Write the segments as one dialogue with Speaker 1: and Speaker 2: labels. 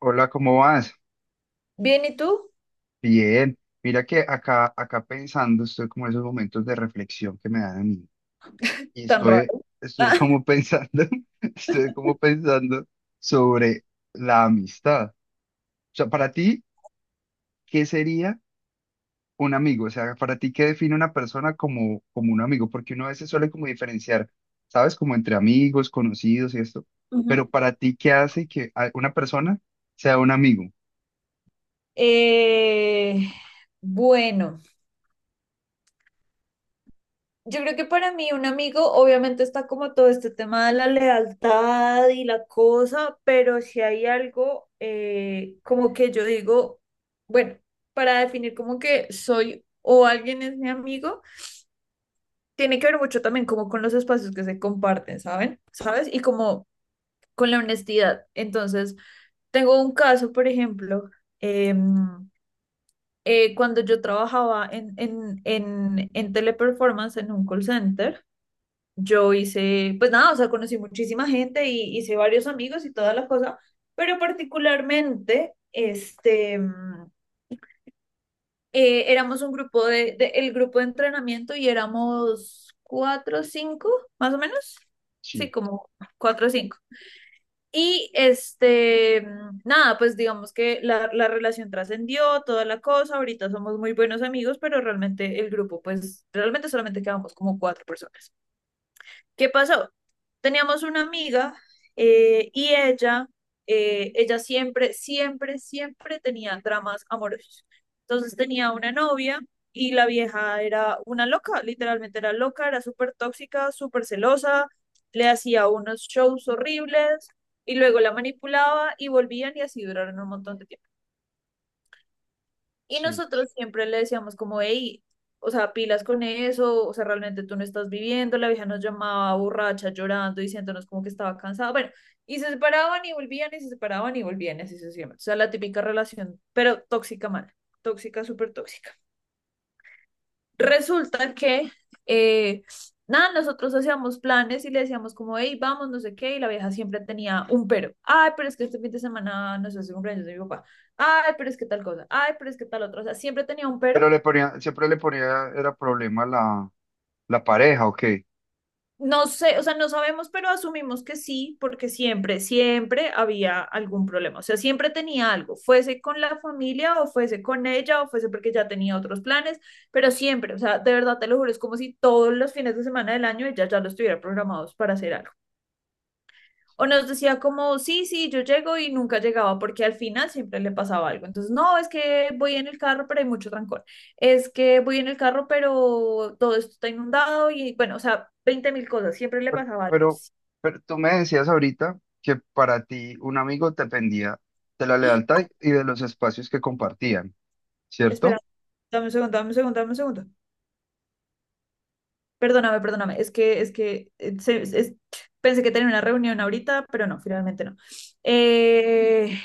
Speaker 1: Hola, ¿cómo vas?
Speaker 2: Bien, ¿y tú?
Speaker 1: Bien. Mira que acá pensando, estoy como en esos momentos de reflexión que me dan a mí. Y
Speaker 2: Tan
Speaker 1: estoy,
Speaker 2: raro.
Speaker 1: estoy como pensando, estoy como pensando sobre la amistad. O sea, para ti,
Speaker 2: Ah,
Speaker 1: ¿qué sería un amigo? O sea, para ti, ¿qué define una persona como un amigo? Porque uno a veces suele como diferenciar, ¿sabes? Como entre amigos, conocidos y esto. Pero
Speaker 2: ujú.
Speaker 1: para ti, ¿qué hace que una persona sea un amigo?
Speaker 2: Eh, bueno. Yo creo que para mí un amigo obviamente está como todo este tema de la lealtad y la cosa, pero si hay algo como que yo digo, bueno, para definir como que soy o alguien es mi amigo, tiene que ver mucho también como con los espacios que se comparten, ¿saben? ¿Sabes? Y como con la honestidad. Entonces, tengo un caso, por ejemplo, em, cuando yo trabajaba en, Teleperformance en un call center. Yo hice, pues nada, o sea, conocí muchísima gente y hice varios amigos y toda la cosa, pero particularmente, este, éramos un grupo de, el grupo de entrenamiento y éramos cuatro o cinco, más o menos. Sí,
Speaker 1: Sí,
Speaker 2: como cuatro o cinco. Y este, nada, pues digamos que la relación trascendió, toda la cosa, ahorita somos muy buenos amigos, pero realmente el grupo, pues realmente solamente quedamos como cuatro personas. ¿Qué pasó? Teníamos una amiga, y ella siempre, siempre, siempre tenía dramas amorosos. Entonces tenía una novia y la vieja era una loca, literalmente era loca, era súper tóxica, súper celosa, le hacía unos shows horribles y luego la manipulaba y volvían y así duraron un montón de tiempo. Y
Speaker 1: sí.
Speaker 2: nosotros siempre le decíamos como, hey, o sea, pilas con eso, o sea, realmente tú no estás viviendo, la vieja nos llamaba borracha, llorando, diciéndonos como que estaba cansada, bueno, y se separaban y volvían y se separaban y volvían, y así sucesivamente, o sea, la típica relación, pero tóxica mal, tóxica, súper tóxica. Resulta que, eh, nada, nosotros hacíamos planes y le decíamos como, hey, vamos, no sé qué, y la vieja siempre tenía un pero, ay, pero es que este fin de semana, no sé, es el cumpleaños de mi papá, ay, pero es que tal cosa, ay, pero es que tal otra, o sea, siempre tenía un
Speaker 1: Pero
Speaker 2: pero.
Speaker 1: le ponía, siempre le ponía, era problema la pareja, ¿o qué?
Speaker 2: No sé, o sea, no sabemos, pero asumimos que sí, porque siempre, siempre había algún problema. O sea, siempre tenía algo, fuese con la familia o fuese con ella o fuese porque ya tenía otros planes, pero siempre, o sea, de verdad te lo juro, es como si todos los fines de semana del año ella ya los tuviera programados para hacer algo. O nos decía como, sí, sí, yo llego y nunca llegaba porque al final siempre le pasaba algo. Entonces, no, es que voy en el carro, pero hay mucho trancón. Es que voy en el carro, pero todo esto está inundado y bueno, o sea, 20 mil cosas, siempre le
Speaker 1: Bueno,
Speaker 2: pasaba algo.
Speaker 1: pero, pero tú me decías ahorita que para ti un amigo dependía de la lealtad y de los espacios que compartían,
Speaker 2: Espera,
Speaker 1: ¿cierto?
Speaker 2: dame un segundo, dame un segundo, dame un segundo. Perdóname, perdóname. Es que pensé que tenía una reunión ahorita, pero no, finalmente no. Eh,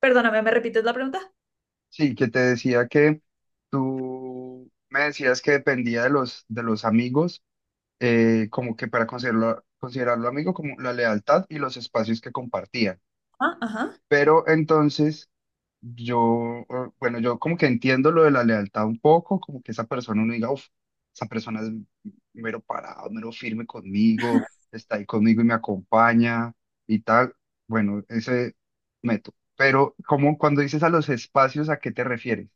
Speaker 2: Perdóname, ¿me repites la pregunta?
Speaker 1: Sí, que te decía que tú me decías que dependía de los amigos, como que para considerarlo amigo, como la lealtad y los espacios que compartían.
Speaker 2: Ah, ajá.
Speaker 1: Pero entonces... Yo, yo como que entiendo lo de la lealtad un poco, como que esa persona uno diga, uff, esa persona es mero parado, mero firme conmigo, está ahí conmigo y me acompaña y tal. Bueno, ese método. Pero como cuando dices a los espacios, ¿a qué te refieres?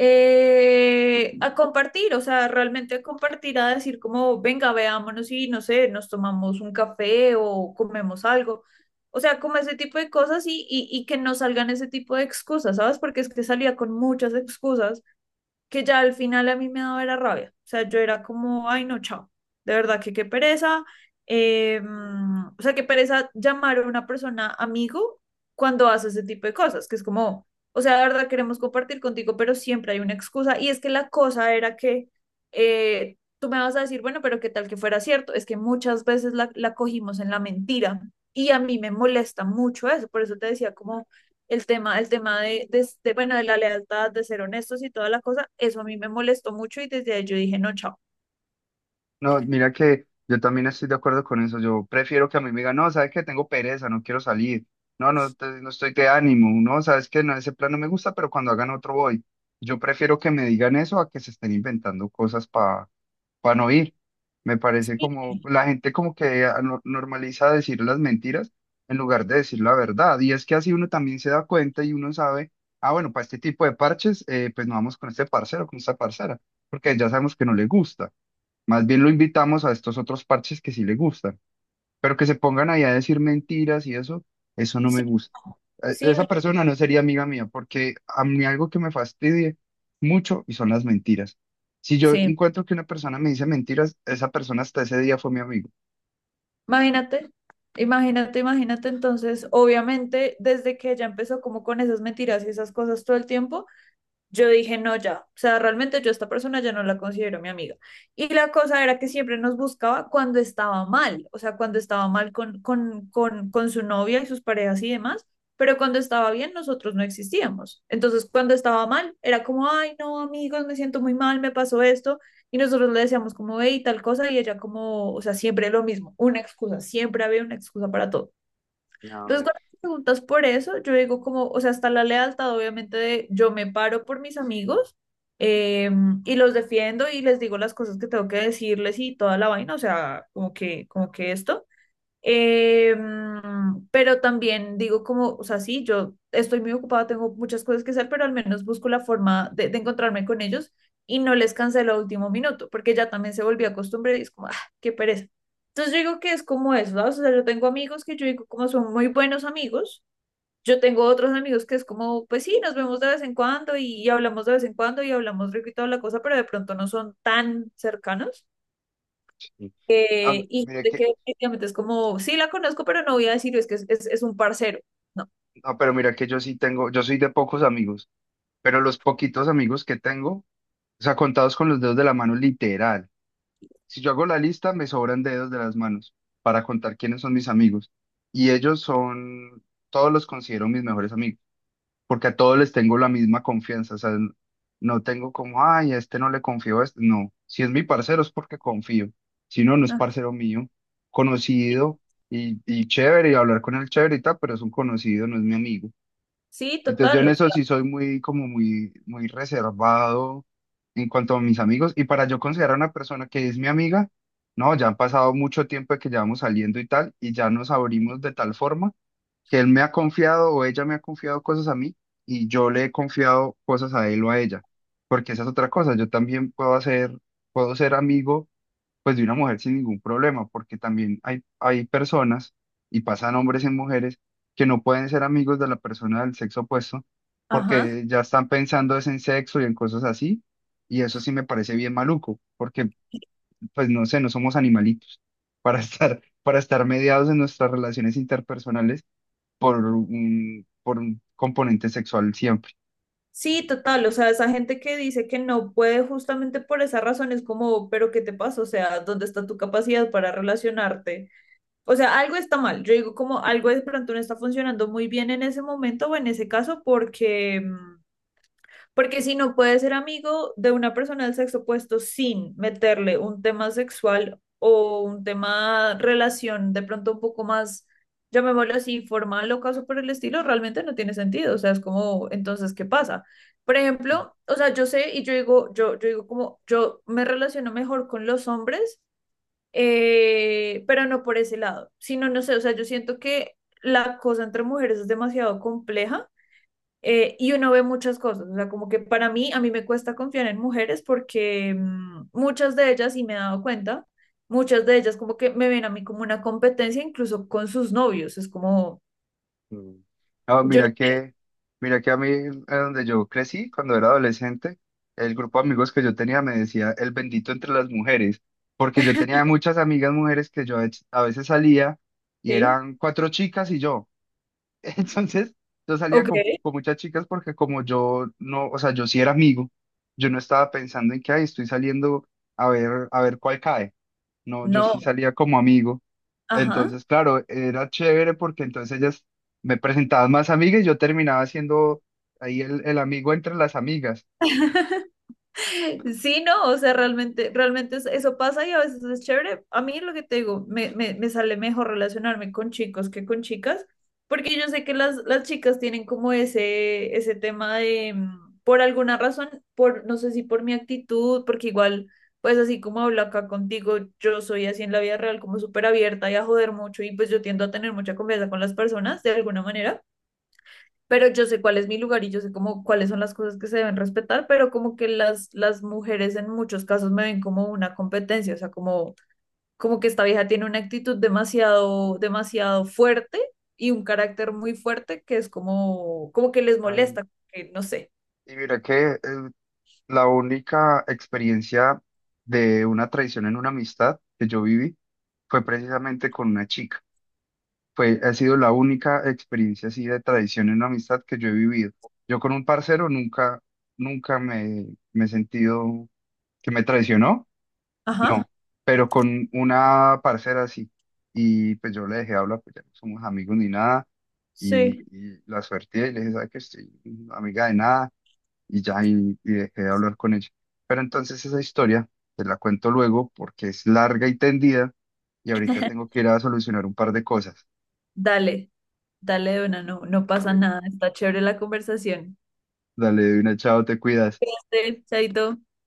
Speaker 2: A compartir, o sea, realmente a compartir, a decir como, venga, veámonos y no sé, nos tomamos un café o comemos algo. O sea, como ese tipo de cosas y que no salgan ese tipo de excusas, ¿sabes? Porque es que salía con muchas excusas que ya al final a mí me daba era rabia. O sea, yo era como, ay, no, chao. De verdad que qué pereza. O sea, qué pereza llamar a una persona amigo cuando hace ese tipo de cosas, que es como, o sea, de verdad queremos compartir contigo, pero siempre hay una excusa. Y es que la cosa era que tú me vas a decir, bueno, pero qué tal que fuera cierto. Es que muchas veces la cogimos en la mentira. Y a mí me molesta mucho eso. Por eso te decía como el tema de, bueno, de la lealtad, de ser honestos y toda la cosa, eso a mí me molestó mucho y desde ahí yo dije, no, chao.
Speaker 1: No, mira que yo también estoy de acuerdo con eso. Yo prefiero que a mí me digan, no, sabes que tengo pereza, no quiero salir. No estoy de ánimo. No, sabes que no, ese plan no me gusta, pero cuando hagan otro voy. Yo prefiero que me digan eso a que se estén inventando cosas para no ir. Me parece
Speaker 2: Sí,
Speaker 1: como la gente como que normaliza decir las mentiras en lugar de decir la verdad. Y es que así uno también se da cuenta y uno sabe, ah, bueno, para este tipo de parches, pues no vamos con este parcero, con esta parcera, porque ya sabemos que no le gusta. Más bien lo invitamos a estos otros parches que sí le gustan, pero que se pongan ahí a decir mentiras y eso no
Speaker 2: sí,
Speaker 1: me gusta.
Speaker 2: no, sí,
Speaker 1: Esa
Speaker 2: no,
Speaker 1: persona no sería amiga mía porque a mí algo que me fastidie mucho y son las mentiras. Si yo
Speaker 2: sí.
Speaker 1: encuentro que una persona me dice mentiras, esa persona hasta ese día fue mi amigo.
Speaker 2: Imagínate, imagínate, imagínate. Entonces, obviamente, desde que ella empezó como con esas mentiras y esas cosas todo el tiempo, yo dije, no, ya, o sea, realmente yo a esta persona ya no la considero mi amiga. Y la cosa era que siempre nos buscaba cuando estaba mal, o sea, cuando estaba mal con su novia y sus parejas y demás, pero cuando estaba bien nosotros no existíamos. Entonces, cuando estaba mal, era como, ay, no, amigos, me siento muy mal, me pasó esto. Y nosotros le decíamos como, hey, tal cosa, y ella como, o sea, siempre lo mismo, una excusa, siempre había una excusa para todo.
Speaker 1: A
Speaker 2: Entonces,
Speaker 1: ver,
Speaker 2: cuando me preguntas por eso, yo digo como, o sea, está la lealtad, obviamente, de yo me paro por mis amigos eh, y los defiendo y les digo las cosas que tengo que decirles y toda la vaina, o sea, como que esto. Pero también digo como, o sea, sí, yo estoy muy ocupada, tengo muchas cosas que hacer, pero al menos busco la forma de encontrarme con ellos y no les cancelo a último minuto, porque ya también se volvió a costumbre y es como, ah, qué pereza. Entonces yo digo que es como eso, ¿sabes? O sea, yo tengo amigos que yo digo como son muy buenos amigos, yo tengo otros amigos que es como, pues sí, nos vemos de vez en cuando y hablamos de vez en cuando y hablamos rico y toda la cosa, pero de pronto no son tan cercanos.
Speaker 1: sí. Ah,
Speaker 2: Y
Speaker 1: mira
Speaker 2: de
Speaker 1: que,
Speaker 2: que definitivamente es como, sí la conozco, pero no voy a decir, "Oh, es que es un parcero". No.
Speaker 1: no, pero mira que yo sí tengo, yo soy de pocos amigos, pero los poquitos amigos que tengo, o sea, contados con los dedos de la mano, literal. Si yo hago la lista, me sobran dedos de las manos para contar quiénes son mis amigos. Y ellos son, todos los considero mis mejores amigos, porque a todos les tengo la misma confianza. O sea, no tengo como, ay, a este no le confío a este. No, si es mi parcero es porque confío. Si no, no es
Speaker 2: Ah,
Speaker 1: parcero mío, conocido y chévere, y hablar con él chévere y tal, pero es un conocido, no es mi amigo.
Speaker 2: sí,
Speaker 1: Entonces yo
Speaker 2: total,
Speaker 1: en
Speaker 2: o sea,
Speaker 1: eso sí soy muy, muy reservado en cuanto a mis amigos. Y para yo considerar a una persona que es mi amiga, no, ya han pasado mucho tiempo de que llevamos saliendo y tal, y ya nos abrimos de tal forma que él me ha confiado o ella me ha confiado cosas a mí y yo le he confiado cosas a él o a ella. Porque esa es otra cosa, yo también puedo hacer, puedo ser amigo pues de una mujer sin ningún problema, porque también hay personas, y pasan hombres en mujeres, que no pueden ser amigos de la persona del sexo opuesto,
Speaker 2: ajá.
Speaker 1: porque ya están pensando es en sexo y en cosas así, y eso sí me parece bien maluco, porque pues no sé, no somos animalitos para estar, para estar mediados en nuestras relaciones interpersonales por por un componente sexual.
Speaker 2: Sí, total, o sea, esa gente que dice que no puede justamente por esa razón es como, pero ¿qué te pasa? O sea, ¿dónde está tu capacidad para relacionarte? O sea, algo está mal. Yo digo como algo de pronto no está funcionando muy bien en ese momento o en ese caso porque si no puedes ser amigo de una persona del sexo opuesto sin meterle un tema sexual o un tema relación de pronto un poco más, llamémoslo así, formal o caso por el estilo, realmente no tiene sentido. O sea, es como, entonces, ¿qué pasa? Por ejemplo, o sea, yo sé y yo digo, yo digo como, yo me relaciono mejor con los hombres, pero no por ese lado, sino, no sé, o sea, yo siento que la cosa entre mujeres es demasiado compleja, y uno ve muchas cosas, o sea, como que para mí, a mí me cuesta confiar en mujeres porque muchas de ellas, y me he dado cuenta, muchas de ellas como que me ven a mí como una competencia incluso con sus novios, es como,
Speaker 1: Mm. No,
Speaker 2: yo no,
Speaker 1: mira que a mí, donde yo crecí, cuando era adolescente, el grupo de amigos que yo tenía me decía el bendito entre las mujeres, porque yo tenía muchas amigas mujeres que yo a veces salía y
Speaker 2: sí,
Speaker 1: eran cuatro chicas y yo. Entonces, yo salía
Speaker 2: ok,
Speaker 1: con muchas chicas porque como yo no, o sea, yo sí era amigo, yo no estaba pensando en que, ay, estoy saliendo a ver cuál cae. No, yo sí
Speaker 2: no,
Speaker 1: salía como amigo.
Speaker 2: ajá.
Speaker 1: Entonces, claro, era chévere porque entonces ellas me presentaban más amigas y yo terminaba siendo ahí el amigo entre las amigas.
Speaker 2: Sí, no, o sea, realmente, realmente eso pasa y a veces es chévere. A mí lo que te digo, me sale mejor relacionarme con chicos que con chicas, porque yo sé que las chicas tienen como ese tema de, por alguna razón, no sé si por mi actitud, porque igual, pues así como hablo acá contigo, yo soy así en la vida real, como súper abierta y a joder mucho, y pues yo tiendo a tener mucha confianza con las personas de alguna manera, pero yo sé cuál es mi lugar y yo sé como cuáles son las cosas que se deben respetar, pero como que las mujeres en muchos casos me ven como una competencia, o sea, como que esta vieja tiene una actitud demasiado, demasiado fuerte y un carácter muy fuerte que es como, que les
Speaker 1: Ay,
Speaker 2: molesta, que no sé.
Speaker 1: y mira que la única experiencia de una traición en una amistad que yo viví fue precisamente con una chica. Fue, ha sido la única experiencia así de traición en una amistad que yo he vivido. Yo con un parcero nunca, nunca me, me he sentido que me traicionó.
Speaker 2: Ajá,
Speaker 1: Pero con una parcera así. Y pues yo le dejé hablar, pues ya no somos amigos ni nada.
Speaker 2: sí.
Speaker 1: Y la suerte y le dije, ¿sabes qué? Estoy amiga de nada. Y ya, y dejé de hablar con ella. Pero entonces esa historia te la cuento luego porque es larga y tendida. Y ahorita tengo que ir a solucionar un par de cosas.
Speaker 2: Dale, dale, de una, no, no pasa
Speaker 1: Dale,
Speaker 2: nada, está chévere la conversación.
Speaker 1: dale, de una, chao, te cuidas.
Speaker 2: Sí, chaito.